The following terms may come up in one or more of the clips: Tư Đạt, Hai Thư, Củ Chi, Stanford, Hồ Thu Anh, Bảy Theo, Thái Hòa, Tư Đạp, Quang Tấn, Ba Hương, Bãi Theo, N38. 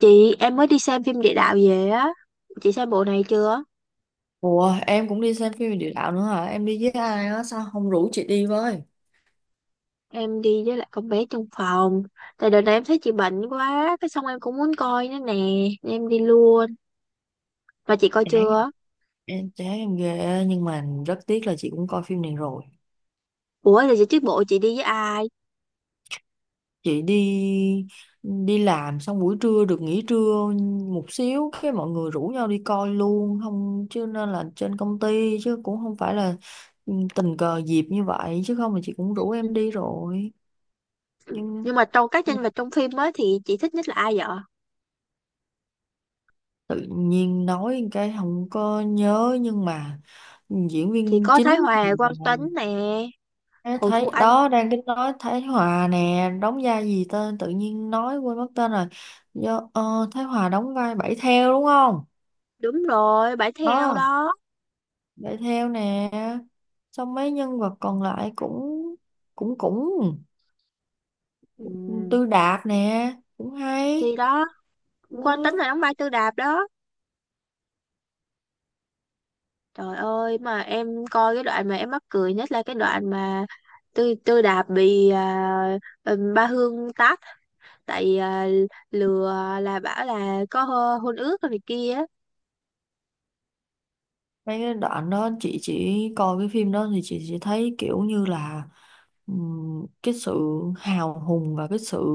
Chị em mới đi xem phim địa đạo về á. Chị xem bộ này chưa? Ủa em cũng đi xem phim về địa đạo nữa hả? Em đi với ai á? Sao không rủ chị đi với? Em đi với lại con bé trong phòng. Tại đợt này em thấy chị bệnh quá, cái xong em cũng muốn coi nữa nè, nên em đi luôn. Mà chị coi Chán chưa? em, chán em ghê, nhưng mà rất tiếc là chị cũng coi phim này rồi. Ủa là chị trước bộ chị đi với ai? Chị đi đi làm xong buổi trưa được nghỉ trưa một xíu, cái mọi người rủ nhau đi coi luôn không chứ, nên là trên công ty chứ cũng không phải là, tình cờ dịp như vậy, chứ không là chị cũng rủ Ừ. em đi rồi. Nhưng Nhưng mà trong các nhân vật trong phim á thì chị thích nhất là ai vậy? tự nhiên nói cái không có nhớ, nhưng mà diễn Thì viên có Thái chính thì Hòa, Quang là, Tấn nè, ê, Hồ Thu thấy Anh, đó, đang cái nói Thái Hòa nè đóng vai gì tên, tự nhiên nói quên mất tên rồi. Do, Thái Hòa đóng vai Bảy Theo đúng không, đúng rồi, Bãi Theo đó, đó. Bảy Theo nè. Xong mấy nhân vật còn lại cũng cũng cũng, Ừ. Tư Đạt nè cũng hay Thì đó, Quang Tấn đó. là đóng vai Tư Đạp đó. Trời ơi mà em coi cái đoạn mà em mắc cười nhất là cái đoạn mà Tư Tư Đạp bị à, Ba Hương tát tại à, lừa là bảo là có hôn ước rồi này kia. Mấy cái đoạn đó chị chỉ coi cái phim đó, thì chị chỉ thấy kiểu như là, cái sự hào hùng và cái sự,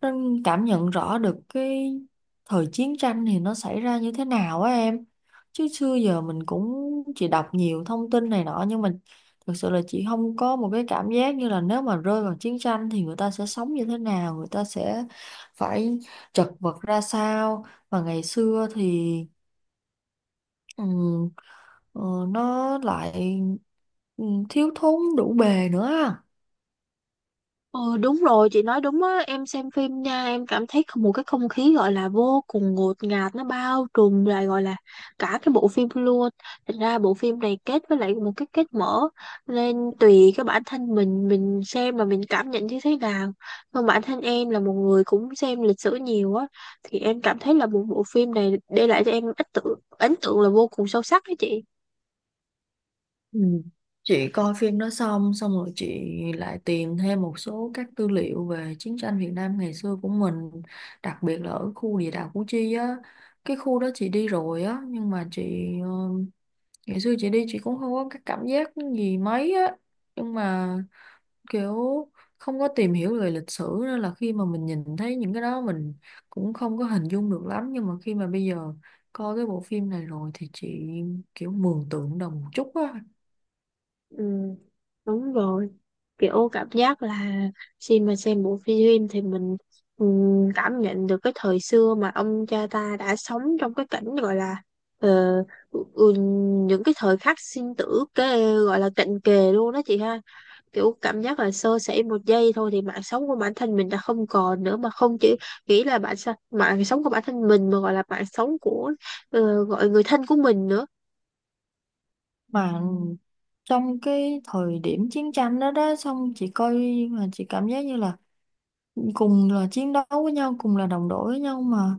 nó cảm nhận rõ được cái thời chiến tranh thì nó xảy ra như thế nào á em. Chứ xưa giờ mình cũng chỉ đọc nhiều thông tin này nọ, nhưng mà thực sự là chị không có một cái cảm giác như là nếu mà rơi vào chiến tranh thì người ta sẽ sống như thế nào, người ta sẽ phải chật vật ra sao. Và ngày xưa thì, ừm, ờ, nó lại thiếu thốn đủ bề nữa á. Ừ, đúng rồi chị nói đúng á, em xem phim nha, em cảm thấy một cái không khí gọi là vô cùng ngột ngạt, nó bao trùm lại gọi là cả cái bộ phim luôn. Thành ra bộ phim này kết với lại một cái kết mở nên tùy cái bản thân mình xem mà mình cảm nhận như thế nào. Còn bản thân em là một người cũng xem lịch sử nhiều á thì em cảm thấy là một bộ phim này để lại cho em ấn tượng là vô cùng sâu sắc đó chị. Ừ. Chị coi phim đó xong xong rồi, chị lại tìm thêm một số các tư liệu về chiến tranh Việt Nam ngày xưa của mình, đặc biệt là ở khu địa đạo Củ Chi á. Cái khu đó chị đi rồi á, nhưng mà chị, ngày xưa chị đi chị cũng không có cái cảm giác gì mấy á, nhưng mà kiểu không có tìm hiểu về lịch sử, nên là khi mà mình nhìn thấy những cái đó mình cũng không có hình dung được lắm. Nhưng mà khi mà bây giờ coi cái bộ phim này rồi thì chị kiểu mường tượng được một chút á. Ừ, đúng rồi, kiểu cảm giác là khi mà xem bộ phim thì mình ừ, cảm nhận được cái thời xưa mà ông cha ta đã sống trong cái cảnh gọi là ờ, ừ, ừ, những cái thời khắc sinh tử, cái gọi là cận kề luôn đó chị ha. Kiểu cảm giác là sơ sẩy một giây thôi thì mạng sống của bản thân mình đã không còn nữa, mà không chỉ nghĩ là mạng sống của bản thân mình mà gọi là mạng sống của gọi người thân của mình nữa. Mà trong cái thời điểm chiến tranh đó đó, xong chị coi mà chị cảm giác như là cùng là chiến đấu với nhau, cùng là đồng đội với nhau, mà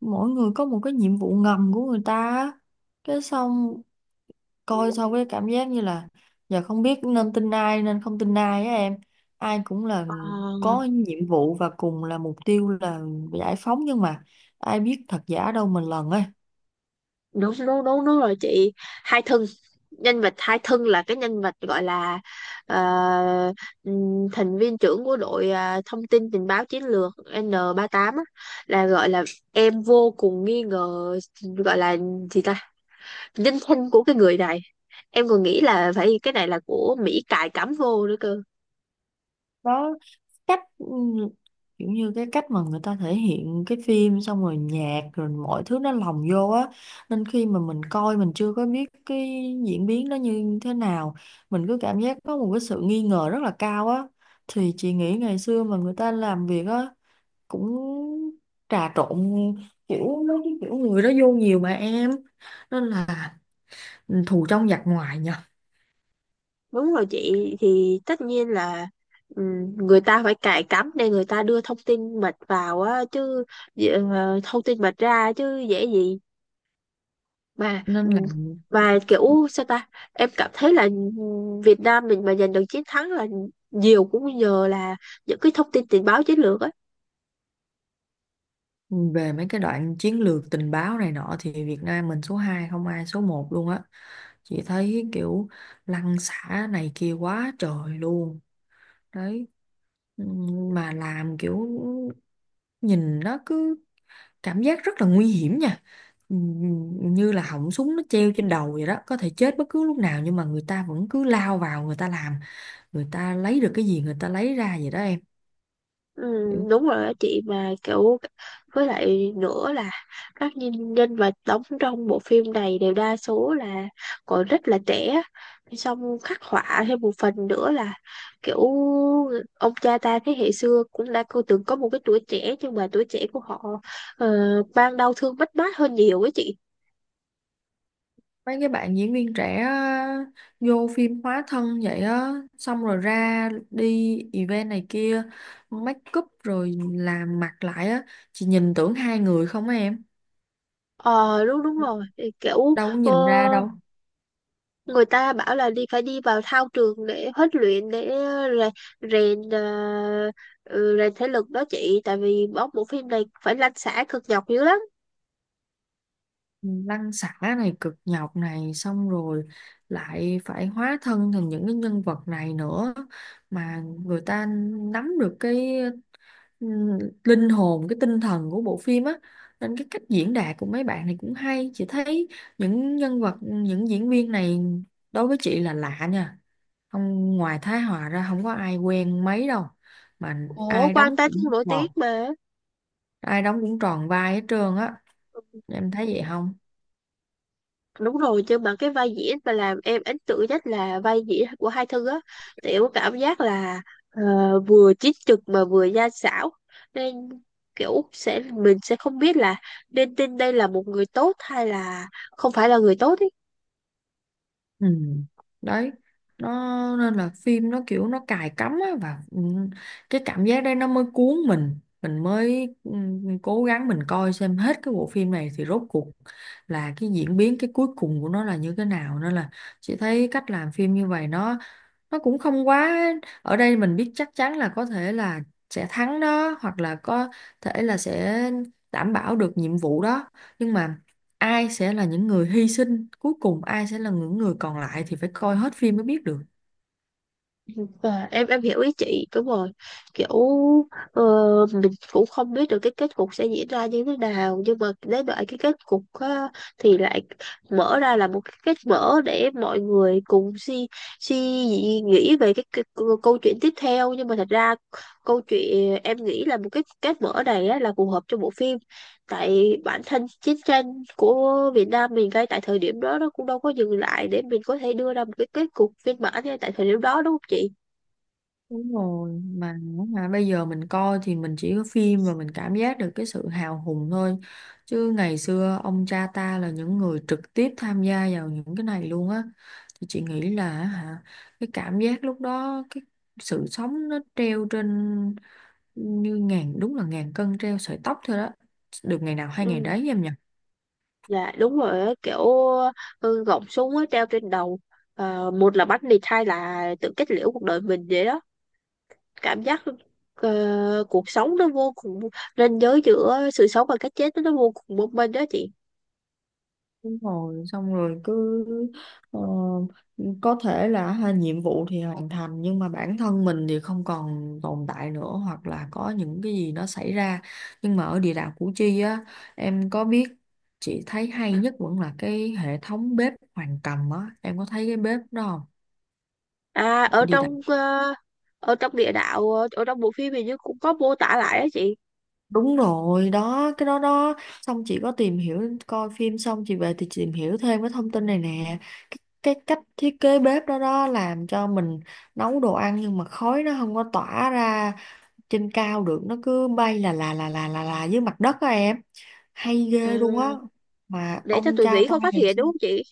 mỗi người có một cái nhiệm vụ ngầm của người ta á. Cái xong coi xong cái cảm giác như là giờ không biết nên tin ai nên không tin ai á em. Ai cũng là Ờ, có nhiệm vụ và cùng là mục tiêu là giải phóng, nhưng mà ai biết thật giả đâu mình lần ấy. đúng đúng đúng đúng rồi chị. Hai thân Nhân vật hai thân là cái nhân vật gọi là ờ, thành viên trưởng của đội à, thông tin tình báo chiến lược N38 á, là gọi là em vô cùng nghi ngờ gọi là gì ta nhân thân của cái người này, em còn nghĩ là phải cái này là của Mỹ cài cắm vô nữa cơ. Đó, cách, kiểu như cái cách mà người ta thể hiện cái phim xong rồi nhạc rồi mọi thứ nó lồng vô á, nên khi mà mình coi mình chưa có biết cái diễn biến nó như thế nào, mình cứ cảm giác có một cái sự nghi ngờ rất là cao á. Thì chị nghĩ ngày xưa mà người ta làm việc á, cũng trà trộn kiểu mấy cái kiểu người đó vô nhiều mà em, nên là thù trong giặc ngoài nhờ. Đúng rồi chị, thì tất nhiên là người ta phải cài cắm để người ta đưa thông tin mật vào á chứ, thông tin mật ra chứ dễ gì mà Nên là ừm, mà kiểu sao ta, em cảm thấy là Việt Nam mình mà giành được chiến thắng là nhiều cũng nhờ là những cái thông tin tình báo chiến lược á. về mấy cái đoạn chiến lược tình báo này nọ thì Việt Nam mình số 2 không ai số một luôn á. Chị thấy kiểu lăn xả này kia quá trời luôn đấy. Mà làm kiểu nhìn nó cứ cảm giác rất là nguy hiểm nha. Như là họng súng nó treo trên đầu vậy đó, có thể chết bất cứ lúc nào, nhưng mà người ta vẫn cứ lao vào người ta làm, người ta lấy được cái gì người ta lấy ra vậy đó em. Ừ, đúng rồi á chị, mà kiểu với lại nữa là các nhân nhân vật đóng trong bộ phim này đều đa số là còn rất là trẻ, xong khắc họa thêm một phần nữa là kiểu ông cha ta thế hệ xưa cũng đã cô từng có một cái tuổi trẻ, nhưng mà tuổi trẻ của họ ờ, mang đau thương mất mát hơn nhiều ấy chị. Mấy cái bạn diễn viên trẻ á, vô phim hóa thân vậy á, xong rồi ra đi event này kia, make up rồi làm mặt lại á, chị nhìn tưởng hai người không á em, Ờ đúng đúng rồi. Thì kiểu đâu có ờ, nhìn ra đâu. người ta bảo là đi phải đi vào thao trường để huấn luyện, để rè- rèn ờ, ừ, rèn thể lực đó chị, tại vì bóng bộ phim này phải lăn xả cực nhọc dữ lắm. Lăn xả này cực nhọc này, xong rồi lại phải hóa thân thành những cái nhân vật này nữa, mà người ta nắm được cái linh hồn, cái tinh thần của bộ phim á, nên cái cách diễn đạt của mấy bạn này cũng hay. Chị thấy những nhân vật, những diễn viên này đối với chị là lạ nha, không ngoài Thái Hòa ra không có ai quen mấy đâu. Mà Ủa ai Quang đóng Tánh cũng cũng nổi tiếng tròn, mà. ai đóng cũng tròn vai hết trơn á, em thấy vậy không? Đúng rồi, nhưng mà cái vai diễn mà làm em ấn tượng nhất là vai diễn của Hai Thư á, thì em có cảm giác là ờ, vừa chính trực mà vừa gian xảo, nên kiểu sẽ mình sẽ không biết là nên tin đây là một người tốt hay là không phải là người tốt ý. Ừ. Đấy, nó nên là phim nó kiểu nó cài cắm á, và cái cảm giác đấy nó mới cuốn mình mới cố gắng mình coi xem hết cái bộ phim này thì rốt cuộc là cái diễn biến cái cuối cùng của nó là như thế nào. Nên là chị thấy cách làm phim như vậy nó cũng không quá ở đây mình biết chắc chắn là có thể là sẽ thắng đó, hoặc là có thể là sẽ đảm bảo được nhiệm vụ đó. Nhưng mà ai sẽ là những người hy sinh cuối cùng, ai sẽ là những người còn lại thì phải coi hết phim mới biết được. Và em hiểu ý chị, đúng rồi, kiểu ờ, mình cũng không biết được cái kết cục sẽ diễn ra như thế nào, nhưng mà đến đợi cái kết cục á, thì lại mở ra là một cái kết mở để mọi người cùng suy suy nghĩ nghĩ về câu câu chuyện tiếp theo. Nhưng mà thật ra câu chuyện em nghĩ là một cái kết mở này á, là phù hợp cho bộ phim, tại bản thân chiến tranh của Việt Nam mình ngay tại thời điểm đó nó cũng đâu có dừng lại để mình có thể đưa ra một cái kết cục viên mãn ngay tại thời điểm đó đúng không chị. Đúng rồi, mà hả, bây giờ mình coi thì mình chỉ có phim và mình cảm giác được cái sự hào hùng thôi. Chứ ngày xưa ông cha ta là những người trực tiếp tham gia vào những cái này luôn á. Thì chị nghĩ là hả, cái cảm giác lúc đó, cái sự sống nó treo trên như ngàn, đúng là ngàn cân treo sợi tóc thôi đó. Được ngày nào hay ngày Ừ, đấy em nhỉ? dạ đúng rồi á, kiểu gọng súng á, treo trên đầu. Ờ, một là bắn địch, hai là tự kết liễu cuộc đời mình vậy đó, cảm giác cuộc sống nó vô cùng, ranh giới giữa sự sống và cái chết nó vô cùng mong manh đó chị. Đúng rồi, xong rồi cứ, ờ, có thể là ha, nhiệm vụ thì hoàn thành nhưng mà bản thân mình thì không còn tồn tại nữa, hoặc là có những cái gì nó xảy ra. Nhưng mà ở địa đạo Củ Chi á, em có biết, chị thấy hay nhất vẫn là cái hệ thống bếp Hoàng Cầm á, em có thấy cái bếp đó không? À, Địa đạo. Ở trong địa đạo, ở trong bộ phim hình như cũng có mô tả lại đó chị. Đúng rồi, đó, cái đó đó. Xong chị có tìm hiểu, coi phim xong chị về thì chị tìm hiểu thêm cái thông tin này nè. Cái cách thiết kế bếp đó đó làm cho mình nấu đồ ăn nhưng mà khói nó không có tỏa ra trên cao được. Nó cứ bay là dưới mặt đất á em. Hay Ờ, ghê luôn á. Mà để cho ông tụi cha Mỹ ta không phát ngày hiện xưa. đúng không chị.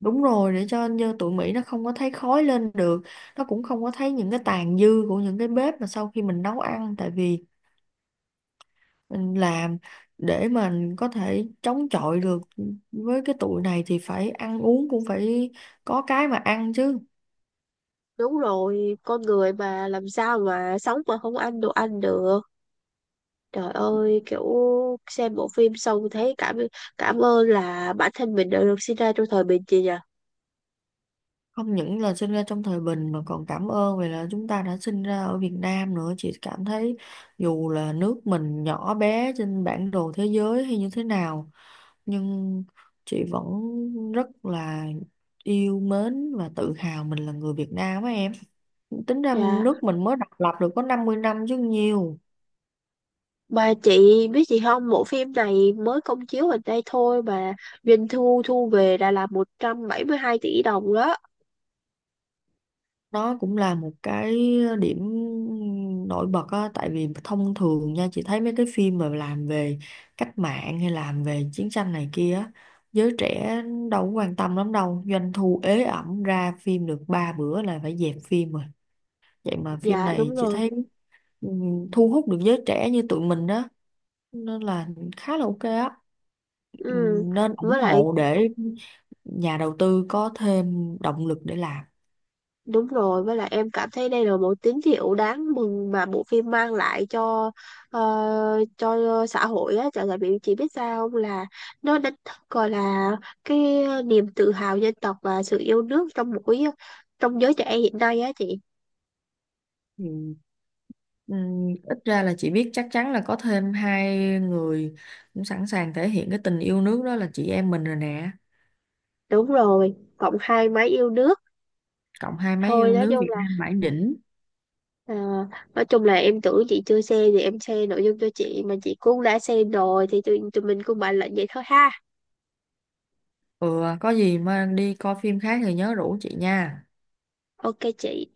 Đúng rồi, để cho như tụi Mỹ nó không có thấy khói lên được. Nó cũng không có thấy những cái tàn dư của những cái bếp mà sau khi mình nấu ăn. Tại vì mình làm để mình có thể chống chọi được với cái tuổi này thì phải ăn uống cũng phải có cái mà ăn chứ. Đúng rồi, con người mà làm sao mà sống mà không ăn đồ ăn được. Trời ơi, kiểu xem bộ phim xong thấy cảm cảm ơn là bản thân mình đã được sinh ra trong thời bình chị nhỉ. Không những là sinh ra trong thời bình mà còn cảm ơn vì là chúng ta đã sinh ra ở Việt Nam nữa. Chị cảm thấy dù là nước mình nhỏ bé trên bản đồ thế giới hay như thế nào, nhưng chị vẫn rất là yêu mến và tự hào mình là người Việt Nam á em. Tính ra Dạ. nước mình mới độc lập được có 50 năm chứ nhiều. Mà chị biết gì không, bộ phim này mới công chiếu gần đây thôi mà doanh thu thu về đã là 172 tỷ đồng đó. Đó cũng là một cái điểm nổi bật á, tại vì thông thường nha, chị thấy mấy cái phim mà làm về cách mạng hay làm về chiến tranh này kia á, giới trẻ đâu có quan tâm lắm đâu, doanh thu ế ẩm ra phim được ba bữa là phải dẹp phim rồi. Vậy mà phim Dạ này đúng chị rồi. thấy, ừ, thu hút được giới trẻ như tụi mình đó, nên là khá là OK á. Ừ, Ừ. nên ủng Với lại hộ để nhà đầu tư có thêm động lực để làm. Đúng rồi, với lại em cảm thấy đây là một tín hiệu đáng mừng mà bộ phim mang lại cho ờ, cho xã hội á, chẳng hạn bị chỉ biết sao không là nó đánh thức gọi là cái niềm tự hào dân tộc và sự yêu nước trong mỗi trong giới trẻ hiện nay á chị. Ừ. Ít ra là chị biết chắc chắn là có thêm hai người cũng sẵn sàng thể hiện cái tình yêu nước, đó là chị em mình rồi nè. Đúng rồi, cộng hai máy yêu nước. Cộng hai mấy Thôi yêu nói nước, chung Việt là Nam mãi đỉnh. ờ, nói chung là em tưởng chị chưa xem thì em share nội dung cho chị mà chị cũng đã xem rồi thì tụi mình cũng bàn luận vậy thôi ha. Ừ, có gì mà đi coi phim khác thì nhớ rủ chị nha. Ok chị.